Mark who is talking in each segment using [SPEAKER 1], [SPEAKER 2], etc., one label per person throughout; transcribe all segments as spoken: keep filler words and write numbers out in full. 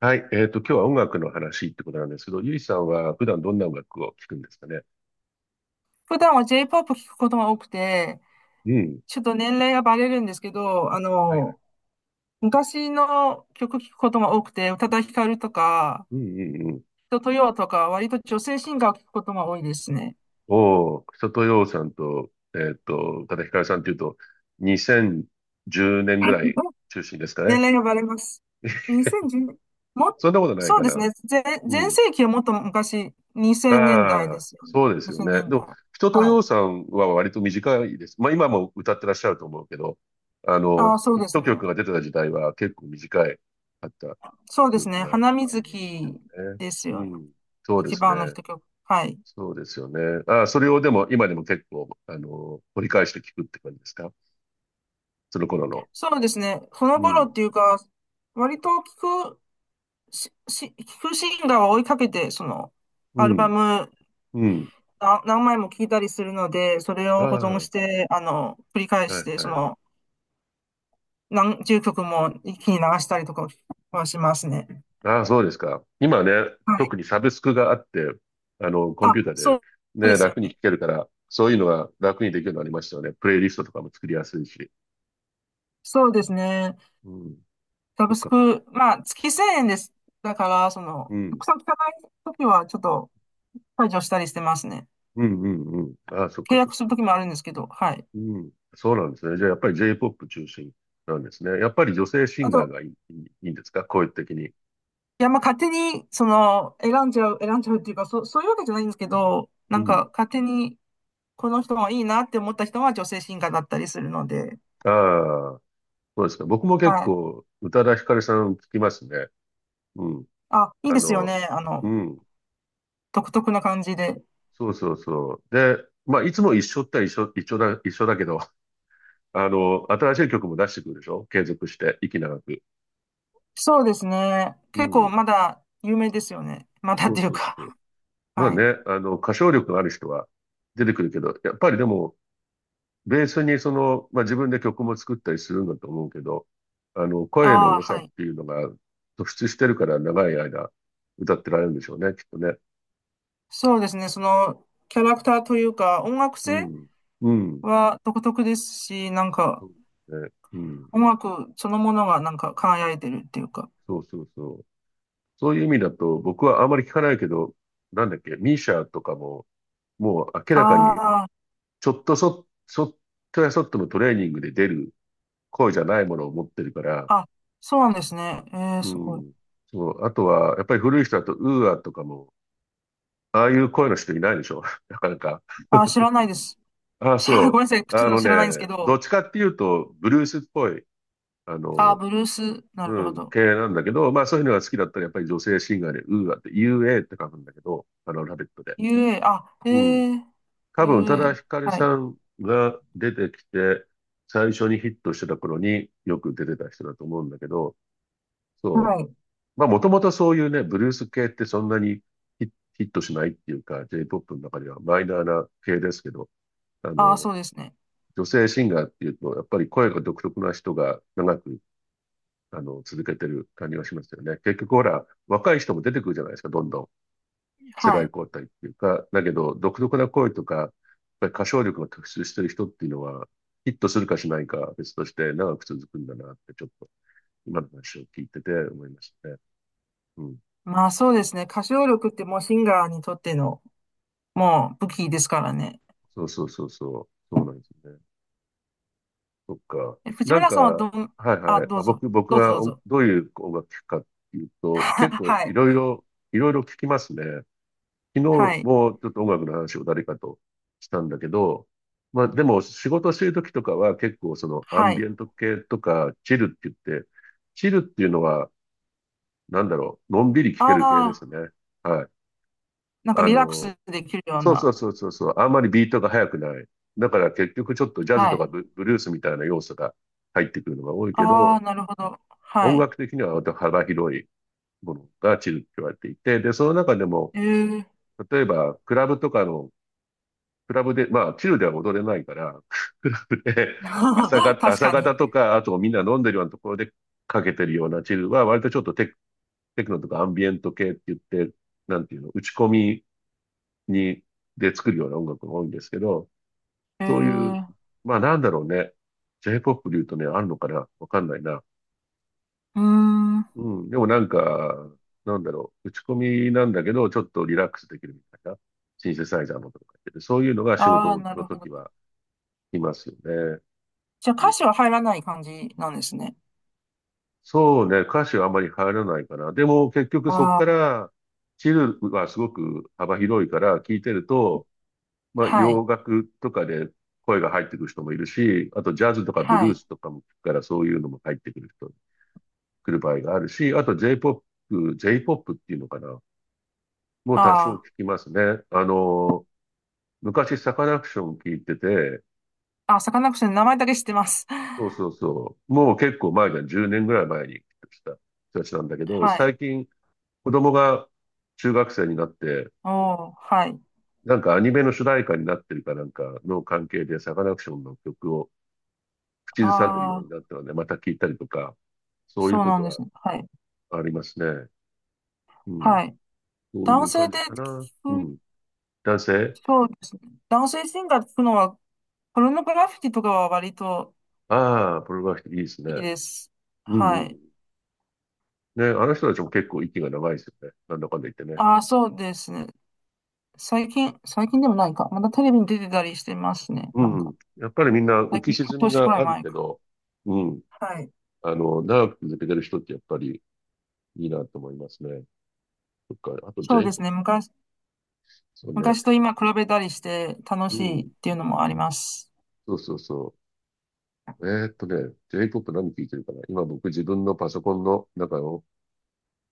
[SPEAKER 1] はい。えっと、今日は音楽の話ってことなんですけど、ゆいさんは普段どんな音楽を聴くんですかね？
[SPEAKER 2] 普段は J-ポップ 聞くことが多くて、
[SPEAKER 1] うん。
[SPEAKER 2] ちょっと年齢がバレるんですけど、あ
[SPEAKER 1] はいはい。
[SPEAKER 2] の、昔の曲聞くことが多くて、宇多田ヒカルとか、
[SPEAKER 1] うんうんうん。
[SPEAKER 2] 人とよとか、割と女性シンガーを聞くことが多いですね。
[SPEAKER 1] おー、とようさんと、えっと、宇多田ヒカルさんっていうと、にせんじゅうねんぐらい中心ですか
[SPEAKER 2] 年
[SPEAKER 1] ね？
[SPEAKER 2] 齢がバレます。にせんじゅう、も、
[SPEAKER 1] そんなことない
[SPEAKER 2] そう
[SPEAKER 1] か
[SPEAKER 2] です
[SPEAKER 1] な。
[SPEAKER 2] ね。全、
[SPEAKER 1] う
[SPEAKER 2] 全
[SPEAKER 1] ん。
[SPEAKER 2] 盛期はもっと昔、にせんねんだい
[SPEAKER 1] あ
[SPEAKER 2] で
[SPEAKER 1] あ、
[SPEAKER 2] すよね。
[SPEAKER 1] そうですよ
[SPEAKER 2] 2000
[SPEAKER 1] ね。で
[SPEAKER 2] 年代。
[SPEAKER 1] も、人と
[SPEAKER 2] は
[SPEAKER 1] よう
[SPEAKER 2] い。
[SPEAKER 1] さんは割と短いです。まあ今も歌ってらっしゃると思うけど、あ
[SPEAKER 2] ああ、
[SPEAKER 1] の、
[SPEAKER 2] そう
[SPEAKER 1] ヒッ
[SPEAKER 2] です
[SPEAKER 1] ト
[SPEAKER 2] ね。
[SPEAKER 1] 曲が出てた時代は結構短いかった
[SPEAKER 2] そうで
[SPEAKER 1] 記
[SPEAKER 2] す
[SPEAKER 1] 憶
[SPEAKER 2] ね。
[SPEAKER 1] があ
[SPEAKER 2] 花水
[SPEAKER 1] りますよ
[SPEAKER 2] 木
[SPEAKER 1] ね。
[SPEAKER 2] です
[SPEAKER 1] う
[SPEAKER 2] よね。
[SPEAKER 1] ん。そうで
[SPEAKER 2] 一
[SPEAKER 1] すね。
[SPEAKER 2] 番の一曲。はい。
[SPEAKER 1] そうですよね。ああ、それをでも、今でも結構、あの、掘り返して聞くって感じですか？その頃の。
[SPEAKER 2] そうですね。ほの
[SPEAKER 1] う
[SPEAKER 2] ぼの
[SPEAKER 1] ん。
[SPEAKER 2] っていうか、割と聞くし、し、聞くシンガーを追いかけて、その、
[SPEAKER 1] う
[SPEAKER 2] アルバ
[SPEAKER 1] ん。
[SPEAKER 2] ム
[SPEAKER 1] うん。
[SPEAKER 2] な何枚も聞いたりするので、それ
[SPEAKER 1] あ
[SPEAKER 2] を保
[SPEAKER 1] あ、
[SPEAKER 2] 存
[SPEAKER 1] は
[SPEAKER 2] して、あの、繰り返
[SPEAKER 1] い
[SPEAKER 2] して、そ
[SPEAKER 1] はい。
[SPEAKER 2] の、何十曲も一気に流したりとかはしますね。
[SPEAKER 1] ああ、そうですか。今ね、
[SPEAKER 2] はい。
[SPEAKER 1] 特にサブスクがあって、あの、コンピ
[SPEAKER 2] あ、
[SPEAKER 1] ューターで
[SPEAKER 2] そうそう
[SPEAKER 1] ね、
[SPEAKER 2] ですよ
[SPEAKER 1] 楽に聞
[SPEAKER 2] ね。
[SPEAKER 1] けるから、そういうのが楽にできるようになりましたよね。プレイリストとかも作りやすいし。
[SPEAKER 2] そうですね。
[SPEAKER 1] うん。
[SPEAKER 2] サ
[SPEAKER 1] そ
[SPEAKER 2] ブ
[SPEAKER 1] っ
[SPEAKER 2] ス
[SPEAKER 1] かそっか。
[SPEAKER 2] ク、まあ、月せんえんです。だから、その、
[SPEAKER 1] う
[SPEAKER 2] た
[SPEAKER 1] ん。
[SPEAKER 2] くさん聞かないときは、ちょっと、解除したりしてますね。
[SPEAKER 1] うんうんうん。ああ、そっ
[SPEAKER 2] 契
[SPEAKER 1] かそっ
[SPEAKER 2] 約する
[SPEAKER 1] か。
[SPEAKER 2] ときもあるんですけど、はい。
[SPEAKER 1] うん。そうなんですね。じゃあやっぱり J-ポップ 中心なんですね。やっぱり女性シン
[SPEAKER 2] あ
[SPEAKER 1] ガー
[SPEAKER 2] と、
[SPEAKER 1] がいい、いいいいんですか？声的に。
[SPEAKER 2] いや、まあ、勝手に、その、選んじゃう、選んじゃうっていうか、そ、そういうわけじゃないんですけど、な
[SPEAKER 1] う
[SPEAKER 2] ん
[SPEAKER 1] ん。
[SPEAKER 2] か、勝手に、この人がいいなって思った人は女性シンガーだったりするので、
[SPEAKER 1] ああ、そうですか。僕も結
[SPEAKER 2] はい。
[SPEAKER 1] 構、宇多田ヒカルさん聞きますね。うん。
[SPEAKER 2] あ、いい
[SPEAKER 1] あ
[SPEAKER 2] ですよ
[SPEAKER 1] の、
[SPEAKER 2] ね。あ
[SPEAKER 1] う
[SPEAKER 2] の、
[SPEAKER 1] ん。
[SPEAKER 2] 独特な感じで。
[SPEAKER 1] そうそうそう。で、まあ、いつも一緒って一緒、一緒だ、一緒だけど、あの、新しい曲も出してくるでしょ？継続して、息長く。
[SPEAKER 2] そうですね。
[SPEAKER 1] う
[SPEAKER 2] 結構
[SPEAKER 1] ん。
[SPEAKER 2] まだ有名ですよね。まだっ
[SPEAKER 1] そう
[SPEAKER 2] ていう
[SPEAKER 1] そう
[SPEAKER 2] か、
[SPEAKER 1] そう。まあ
[SPEAKER 2] はい。
[SPEAKER 1] ね、あの、歌唱力のある人は出てくるけど、やっぱりでも、ベースにその、まあ、自分で曲も作ったりするんだと思うけど、あの、声の
[SPEAKER 2] ああ、
[SPEAKER 1] 良さ
[SPEAKER 2] は
[SPEAKER 1] っ
[SPEAKER 2] い。
[SPEAKER 1] ていうのが突出してるから長い間歌ってられるんでしょうね、きっとね。
[SPEAKER 2] そうですね。その、キャラクターというか、音楽
[SPEAKER 1] う
[SPEAKER 2] 性
[SPEAKER 1] ん。うん。
[SPEAKER 2] は独特ですし、なんか、
[SPEAKER 1] そうですね。うん。
[SPEAKER 2] 音楽そのものがなんか輝いてるっていうか。
[SPEAKER 1] そうそうそう。そういう意味だと、僕はあまり聞かないけど、なんだっけ、ミーシャとかも、もう明らかに、
[SPEAKER 2] あ
[SPEAKER 1] ちょっとそ、そっとやそっとのトレーニングで出る声じゃないものを持ってるから、
[SPEAKER 2] あ、そうなんですね。えー、
[SPEAKER 1] う
[SPEAKER 2] すごい。
[SPEAKER 1] ん。そう。あとは、やっぱり古い人だと、ウーアとかも、ああいう声の人いないでしょ？ なかなか。
[SPEAKER 2] あ、知らないです。
[SPEAKER 1] あ あ、
[SPEAKER 2] 知らない、ごめ
[SPEAKER 1] そ
[SPEAKER 2] んなさい。
[SPEAKER 1] う。
[SPEAKER 2] ち
[SPEAKER 1] あ
[SPEAKER 2] ょっと
[SPEAKER 1] の
[SPEAKER 2] 知
[SPEAKER 1] ね、
[SPEAKER 2] らないんですけ
[SPEAKER 1] ど
[SPEAKER 2] ど。
[SPEAKER 1] っちかっていうと、ブルースっぽい、あ
[SPEAKER 2] あ、
[SPEAKER 1] の、
[SPEAKER 2] ブルース、なる
[SPEAKER 1] う
[SPEAKER 2] ほ
[SPEAKER 1] ん、
[SPEAKER 2] ど。
[SPEAKER 1] 系なんだけど、まあそういうのが好きだったらやっぱり女性シンガーで、ウーアって、ウーア って書くんだけど、あの、ラベットで。
[SPEAKER 2] ユーエー、あ、え
[SPEAKER 1] うん。
[SPEAKER 2] ー、
[SPEAKER 1] 多分、宇多田
[SPEAKER 2] ユーエー、
[SPEAKER 1] ヒカル
[SPEAKER 2] はい。
[SPEAKER 1] さんが出てきて、最初にヒットしてた頃によく出てた人だと思うんだけど、
[SPEAKER 2] は
[SPEAKER 1] そう。
[SPEAKER 2] い。
[SPEAKER 1] まあもともとそういうね、ブルース系ってそんなにヒヒットしないっていうか、J-ポップ の中ではマイナーな系ですけど、あ
[SPEAKER 2] あ、
[SPEAKER 1] の、
[SPEAKER 2] そうですね。
[SPEAKER 1] 女性シンガーっていうと、やっぱり声が独特な人が長く、あの、続けてる感じがしますよね。結局ほら、若い人も出てくるじゃないですか、どんどん。世
[SPEAKER 2] は
[SPEAKER 1] 代
[SPEAKER 2] い。
[SPEAKER 1] 交代っていうか。だけど、独特な声とか、やっぱり歌唱力が特出してる人っていうのは、ヒットするかしないかは別として長く続くんだなって、ちょっと今の話を聞いてて思いましたね。うん。
[SPEAKER 2] まあそうですね。歌唱力ってもうシンガーにとっての、もう武器ですからね。
[SPEAKER 1] そうそうそうそう。そうなんですね。そっか。
[SPEAKER 2] え藤
[SPEAKER 1] なん
[SPEAKER 2] 村
[SPEAKER 1] か、
[SPEAKER 2] さんはど
[SPEAKER 1] は
[SPEAKER 2] ん、
[SPEAKER 1] い
[SPEAKER 2] あ、
[SPEAKER 1] はい。
[SPEAKER 2] ど
[SPEAKER 1] あ、
[SPEAKER 2] うぞ。
[SPEAKER 1] 僕、僕
[SPEAKER 2] どうぞど
[SPEAKER 1] が
[SPEAKER 2] う
[SPEAKER 1] お
[SPEAKER 2] ぞ。
[SPEAKER 1] どういう音楽聴くかっていうと、結 構
[SPEAKER 2] は
[SPEAKER 1] い
[SPEAKER 2] い。
[SPEAKER 1] ろいろ、いろいろ聴きますね。昨日
[SPEAKER 2] はい。
[SPEAKER 1] もちょっと音楽の話を誰かとしたんだけど、まあでも仕事してる時とかは結構そのアン
[SPEAKER 2] は
[SPEAKER 1] ビ
[SPEAKER 2] い。
[SPEAKER 1] エント系とかチルって言って、チルっていうのはなんだろう、のんびり聴け
[SPEAKER 2] あ
[SPEAKER 1] る系ですね。
[SPEAKER 2] あ、
[SPEAKER 1] はい。
[SPEAKER 2] なんか
[SPEAKER 1] あ
[SPEAKER 2] リラック
[SPEAKER 1] の、
[SPEAKER 2] スできるよう
[SPEAKER 1] そう
[SPEAKER 2] な。
[SPEAKER 1] そうそうそうそう、あんまりビートが速くない。だから結局ちょっとジャズ
[SPEAKER 2] は
[SPEAKER 1] とか
[SPEAKER 2] い。
[SPEAKER 1] ブブルースみたいな要素が入ってくるのが多いけ
[SPEAKER 2] ああ、
[SPEAKER 1] ど、
[SPEAKER 2] なるほど。は
[SPEAKER 1] 音
[SPEAKER 2] い。
[SPEAKER 1] 楽的には割と幅広いものがチルって言われていて、で、その中でも、
[SPEAKER 2] ええ
[SPEAKER 1] 例えば、クラブとかの、クラブで、まあ、チルでは踊れないから、クラブで朝 が、
[SPEAKER 2] 確
[SPEAKER 1] 朝
[SPEAKER 2] かに。
[SPEAKER 1] 方とか、あとみんな飲んでるようなところでかけてるようなチルは、割とちょっとテク、テクノとかアンビエント系って言って、なんていうの、打ち込みに、で作るような音楽が多いんですけど、
[SPEAKER 2] え
[SPEAKER 1] そういう、
[SPEAKER 2] ー、
[SPEAKER 1] まあなんだろうね。J-ポップ で言うとね、あるのかなわかんないな。
[SPEAKER 2] うーん。
[SPEAKER 1] うん。でもなんか、なんだろう。打ち込みなんだけど、ちょっとリラックスできるみたいな。シンセサイザーのとか言ってて、そういうのが仕
[SPEAKER 2] ああ、
[SPEAKER 1] 事
[SPEAKER 2] な
[SPEAKER 1] の
[SPEAKER 2] るほど。
[SPEAKER 1] 時はいますよね。
[SPEAKER 2] じゃあ
[SPEAKER 1] う
[SPEAKER 2] 歌
[SPEAKER 1] ん、
[SPEAKER 2] 詞は入らない感じなんですね。
[SPEAKER 1] そうね。歌詞はあまり入らないかな。でも結局そこ
[SPEAKER 2] あ
[SPEAKER 1] か
[SPEAKER 2] あ、
[SPEAKER 1] ら、チルはすごく幅広いから聞いてると、まあ
[SPEAKER 2] はい。
[SPEAKER 1] 洋楽とかで声が入ってくる人もいるし、あとジャズとかブ
[SPEAKER 2] は
[SPEAKER 1] ルー
[SPEAKER 2] い。
[SPEAKER 1] スとかも聞くからそういうのも入ってくる人、来る場合があるし、あと J-ポップ、J-ポップ っていうのかな。もう多少聞
[SPEAKER 2] あ
[SPEAKER 1] きますね。あの、昔サカナクション聞いてて、
[SPEAKER 2] あ、あ、サカナクションの名前だけ知ってます。
[SPEAKER 1] そうそう そう。もう結構前じゃん、じゅうねんぐらい前に来た人たちなんだけど、
[SPEAKER 2] はい。
[SPEAKER 1] 最近子供が中学生になって、
[SPEAKER 2] おー、はい。
[SPEAKER 1] なんかアニメの主題歌になってるかなんかの関係でサカナクションの曲を口ずさんでるように
[SPEAKER 2] ああ、
[SPEAKER 1] なったので、また聞いたりとか、そういう
[SPEAKER 2] そう
[SPEAKER 1] こ
[SPEAKER 2] なん
[SPEAKER 1] と
[SPEAKER 2] ですね。
[SPEAKER 1] は
[SPEAKER 2] はい。
[SPEAKER 1] ありますね。うん。
[SPEAKER 2] はい。
[SPEAKER 1] そうい
[SPEAKER 2] 男
[SPEAKER 1] う
[SPEAKER 2] 性
[SPEAKER 1] 感
[SPEAKER 2] で
[SPEAKER 1] じかな。う
[SPEAKER 2] 聞く、
[SPEAKER 1] ん。男性、
[SPEAKER 2] そうですね。男性シンガーで聞くのは、ポルノグラフィティとかは割と
[SPEAKER 1] ああー、プロバクティブいいですね。
[SPEAKER 2] いいです。
[SPEAKER 1] うん
[SPEAKER 2] は
[SPEAKER 1] う
[SPEAKER 2] い。
[SPEAKER 1] ん。ね、あの人たちも結構息が長いですよね。なんだかんだ言ってね。
[SPEAKER 2] ああ、そうですね。最近、最近でもないか。まだテレビに出てたりしてますね。
[SPEAKER 1] う
[SPEAKER 2] なんか、
[SPEAKER 1] ん。やっぱりみんな浮
[SPEAKER 2] 最
[SPEAKER 1] き
[SPEAKER 2] 近、半
[SPEAKER 1] 沈み
[SPEAKER 2] 年くら
[SPEAKER 1] が
[SPEAKER 2] い
[SPEAKER 1] ある
[SPEAKER 2] 前
[SPEAKER 1] け
[SPEAKER 2] か。
[SPEAKER 1] ど、うん。
[SPEAKER 2] はい。
[SPEAKER 1] あの、長く続けてる人ってやっぱりいいなと思いますね。そっか。あと
[SPEAKER 2] そうです
[SPEAKER 1] J-ポップ で
[SPEAKER 2] ね。昔、
[SPEAKER 1] すよね。
[SPEAKER 2] 昔と今比べたりして楽
[SPEAKER 1] う
[SPEAKER 2] しいっ
[SPEAKER 1] ん。
[SPEAKER 2] ていうのもあります。
[SPEAKER 1] そうそうそう。えーっとね、J-ポップ 何聞いてるかな今僕自分のパソコンの中を、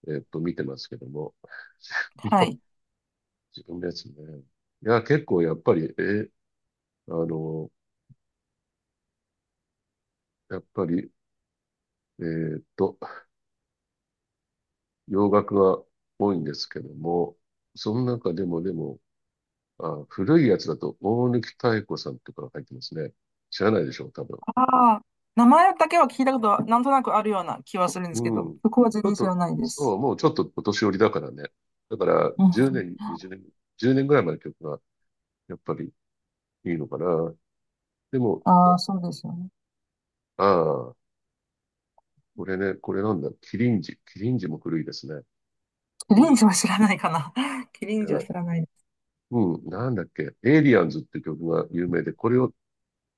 [SPEAKER 1] えーっと、見てますけども。
[SPEAKER 2] は い。
[SPEAKER 1] 自分のやつね。いや、結構やっぱり、えーあの、やっぱり、えーっと、洋楽は多いんですけども、その中でもでも、あ、古いやつだと大貫妙子さんとかが入ってますね。知らないでしょう、多分。
[SPEAKER 2] ああ、名前だけは聞いたことはなんとなくあるような気はするんですけ
[SPEAKER 1] う
[SPEAKER 2] ど、
[SPEAKER 1] ん。ち
[SPEAKER 2] そこは全
[SPEAKER 1] ょっ
[SPEAKER 2] 然知ら
[SPEAKER 1] と、
[SPEAKER 2] ないで
[SPEAKER 1] そ
[SPEAKER 2] す。
[SPEAKER 1] う、もうちょっとお年寄りだからね。だから
[SPEAKER 2] う
[SPEAKER 1] 10
[SPEAKER 2] ん。
[SPEAKER 1] 年、にじゅうねん、じゅうねんぐらいまでの曲がやっぱりいいのかな。でも、
[SPEAKER 2] ああ、そうですよね。
[SPEAKER 1] ああ、これね、これなんだ、キリンジ。キリンジも古いですね。
[SPEAKER 2] キ
[SPEAKER 1] う
[SPEAKER 2] リン
[SPEAKER 1] ん。
[SPEAKER 2] ジは知らないかな。キリン
[SPEAKER 1] や
[SPEAKER 2] ジ
[SPEAKER 1] ば
[SPEAKER 2] は知
[SPEAKER 1] い。
[SPEAKER 2] らない。
[SPEAKER 1] うん、なんだっけ、エイリアンズって曲が有名で、これを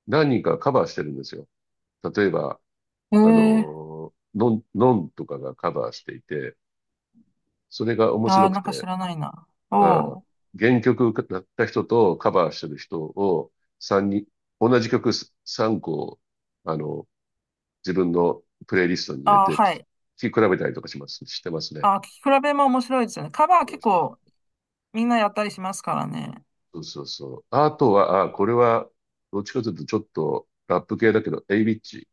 [SPEAKER 1] 何人かカバーしてるんですよ。例えば、あ
[SPEAKER 2] ええ
[SPEAKER 1] の、のん、のんとかがカバーしていて、それが面
[SPEAKER 2] あ
[SPEAKER 1] 白
[SPEAKER 2] あー、
[SPEAKER 1] く
[SPEAKER 2] なんか知
[SPEAKER 1] て、
[SPEAKER 2] らないな。お
[SPEAKER 1] ああ、
[SPEAKER 2] お。
[SPEAKER 1] 原曲だった人とカバーしてる人をさんにん、同じ曲さんこ、あの、自分のプレイリストに入れ
[SPEAKER 2] ああ、
[SPEAKER 1] て聴
[SPEAKER 2] はい。
[SPEAKER 1] き比べたりとかします、してますね。
[SPEAKER 2] ああ、聞き比べも面白いですよね。カバー結
[SPEAKER 1] 面白いで
[SPEAKER 2] 構
[SPEAKER 1] す
[SPEAKER 2] みんなやったりしますからね。
[SPEAKER 1] そうそうそう。あとは、あ、これは、どっちかというとちょっとラップ系だけど、エイビッチ。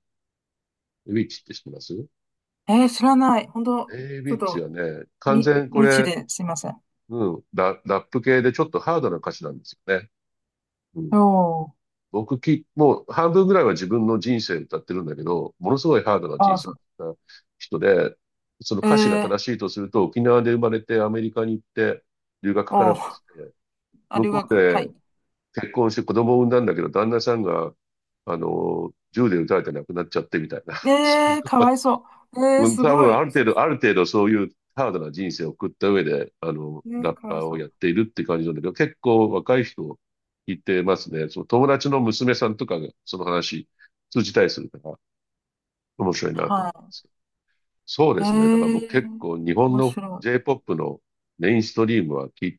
[SPEAKER 1] エイビッチって知ってます？
[SPEAKER 2] えー、知らない。本当
[SPEAKER 1] エイ
[SPEAKER 2] ちょっ
[SPEAKER 1] ビッチ
[SPEAKER 2] と、
[SPEAKER 1] はね、完
[SPEAKER 2] み、
[SPEAKER 1] 全こ
[SPEAKER 2] 無知
[SPEAKER 1] れ、
[SPEAKER 2] ですいません。
[SPEAKER 1] うん。ラ、ラップ系でちょっとハードな歌詞なんですよね。うん。
[SPEAKER 2] おー。
[SPEAKER 1] 僕き、もう半分ぐらいは自分の人生歌ってるんだけど、ものすごいハードな
[SPEAKER 2] あ
[SPEAKER 1] 人
[SPEAKER 2] ー、
[SPEAKER 1] 生
[SPEAKER 2] そ
[SPEAKER 1] な人で、その
[SPEAKER 2] う。え
[SPEAKER 1] 歌詞が
[SPEAKER 2] ー、
[SPEAKER 1] 正しいとすると、沖縄で生まれてアメリカに行って留学かな
[SPEAKER 2] お
[SPEAKER 1] んか
[SPEAKER 2] ー。
[SPEAKER 1] して、
[SPEAKER 2] あ、
[SPEAKER 1] 向
[SPEAKER 2] 留
[SPEAKER 1] こう
[SPEAKER 2] 学。はい。
[SPEAKER 1] で結婚して子供を産んだんだけど、旦那さんが、あの、銃で撃たれて亡くなっちゃってみたいな。す
[SPEAKER 2] えー、か
[SPEAKER 1] ご
[SPEAKER 2] わいそう。えー、
[SPEAKER 1] うん
[SPEAKER 2] す
[SPEAKER 1] 多
[SPEAKER 2] ご
[SPEAKER 1] 分あ
[SPEAKER 2] い。
[SPEAKER 1] る
[SPEAKER 2] そ
[SPEAKER 1] 程
[SPEAKER 2] う
[SPEAKER 1] 度、
[SPEAKER 2] す
[SPEAKER 1] ある程度そういうハードな人生を送った上で、あの、
[SPEAKER 2] え
[SPEAKER 1] ラ
[SPEAKER 2] ー、
[SPEAKER 1] ッ
[SPEAKER 2] かわい
[SPEAKER 1] パー
[SPEAKER 2] そ
[SPEAKER 1] をや
[SPEAKER 2] う。
[SPEAKER 1] っているって感じなんだけど、結構若い人いてますね。その友達の娘さんとかがその話通じたりするから面白いなと思うんで
[SPEAKER 2] は
[SPEAKER 1] すけど。そう
[SPEAKER 2] い。え
[SPEAKER 1] ですね。だから僕結
[SPEAKER 2] ー、
[SPEAKER 1] 構日本
[SPEAKER 2] 面
[SPEAKER 1] の
[SPEAKER 2] 白い。
[SPEAKER 1] J-ポップ のメインストリームはき、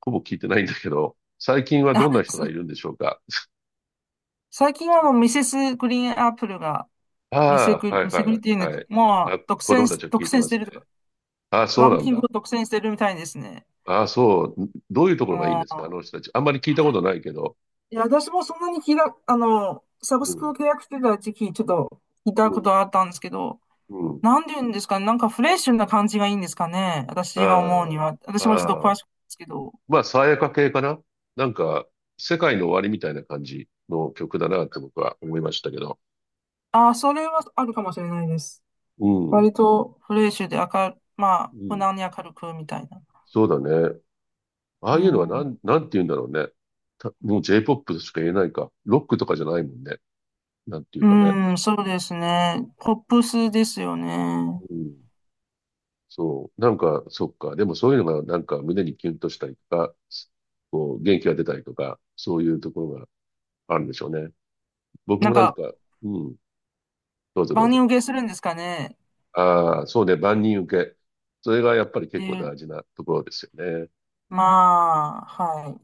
[SPEAKER 1] ほぼ聞いてないんだけど、最近はど
[SPEAKER 2] あ、
[SPEAKER 1] んな人
[SPEAKER 2] す、
[SPEAKER 1] がいるんでしょうか。
[SPEAKER 2] 最近はもうミセスグリーンアップルが、ミセ
[SPEAKER 1] あ
[SPEAKER 2] グ
[SPEAKER 1] あ、
[SPEAKER 2] リ、
[SPEAKER 1] は
[SPEAKER 2] ミ
[SPEAKER 1] い
[SPEAKER 2] セ
[SPEAKER 1] は
[SPEAKER 2] グリっ
[SPEAKER 1] い
[SPEAKER 2] ていうの
[SPEAKER 1] は
[SPEAKER 2] か、
[SPEAKER 1] い。
[SPEAKER 2] も
[SPEAKER 1] あ、
[SPEAKER 2] う独
[SPEAKER 1] 子
[SPEAKER 2] 占
[SPEAKER 1] 供た
[SPEAKER 2] し、
[SPEAKER 1] ちは聞
[SPEAKER 2] 独
[SPEAKER 1] いて
[SPEAKER 2] 占
[SPEAKER 1] ま
[SPEAKER 2] し
[SPEAKER 1] す
[SPEAKER 2] て
[SPEAKER 1] ね。
[SPEAKER 2] るとか、
[SPEAKER 1] ああ、そ
[SPEAKER 2] ラ
[SPEAKER 1] う
[SPEAKER 2] ン
[SPEAKER 1] なん
[SPEAKER 2] キング
[SPEAKER 1] だ。
[SPEAKER 2] を独占してるみたいですね。
[SPEAKER 1] ああ、そう。どういうところがいいん
[SPEAKER 2] も
[SPEAKER 1] ですか？あ
[SPEAKER 2] う
[SPEAKER 1] の人たち。あんまり聞いたことないけど。
[SPEAKER 2] いや、私もそんなに聞いた、あの、サブ
[SPEAKER 1] う
[SPEAKER 2] スク
[SPEAKER 1] ん、
[SPEAKER 2] を契約してた時期、ちょっと聞いた
[SPEAKER 1] うん、
[SPEAKER 2] ことがあったんですけど、
[SPEAKER 1] うん。
[SPEAKER 2] なんて言うんですかね、なんかフレッシュな感じがいいんですかね、私が思う
[SPEAKER 1] あ
[SPEAKER 2] には。
[SPEAKER 1] あ、
[SPEAKER 2] 私もちょっと
[SPEAKER 1] あ
[SPEAKER 2] 詳
[SPEAKER 1] あ。
[SPEAKER 2] しくないですけど。
[SPEAKER 1] まあ、爽やか系かな、なんか、世界の終わりみたいな感じの曲だなって僕は思いましたけど。
[SPEAKER 2] ああ、それはあるかもしれないです。
[SPEAKER 1] うん、
[SPEAKER 2] 割とフレッシュで明る、ま
[SPEAKER 1] う
[SPEAKER 2] あ、無
[SPEAKER 1] ん。
[SPEAKER 2] 難に明るくみたいな。
[SPEAKER 1] そうだね。あ
[SPEAKER 2] う
[SPEAKER 1] あいうのはな
[SPEAKER 2] ん。
[SPEAKER 1] ん、なん、て言うんだろうね。たもう J-ポップ としか言えないか。ロックとかじゃないもんね。なんていうかね。
[SPEAKER 2] うん、そうですね。ポップスですよね。
[SPEAKER 1] うんそう。なんか、そっか。でもそういうのがなんか胸にキュンとしたりとか、こう、元気が出たりとか、そういうところがあるんでしょうね。僕
[SPEAKER 2] な
[SPEAKER 1] も
[SPEAKER 2] ん
[SPEAKER 1] なんか、
[SPEAKER 2] か、
[SPEAKER 1] うん、どうぞどう
[SPEAKER 2] 万
[SPEAKER 1] ぞ。
[SPEAKER 2] 人受けするんですかね。っ
[SPEAKER 1] ああ、そうね、万人受け。それがやっぱり
[SPEAKER 2] て
[SPEAKER 1] 結構
[SPEAKER 2] いう、
[SPEAKER 1] 大事なところですよね。
[SPEAKER 2] まあ、はい。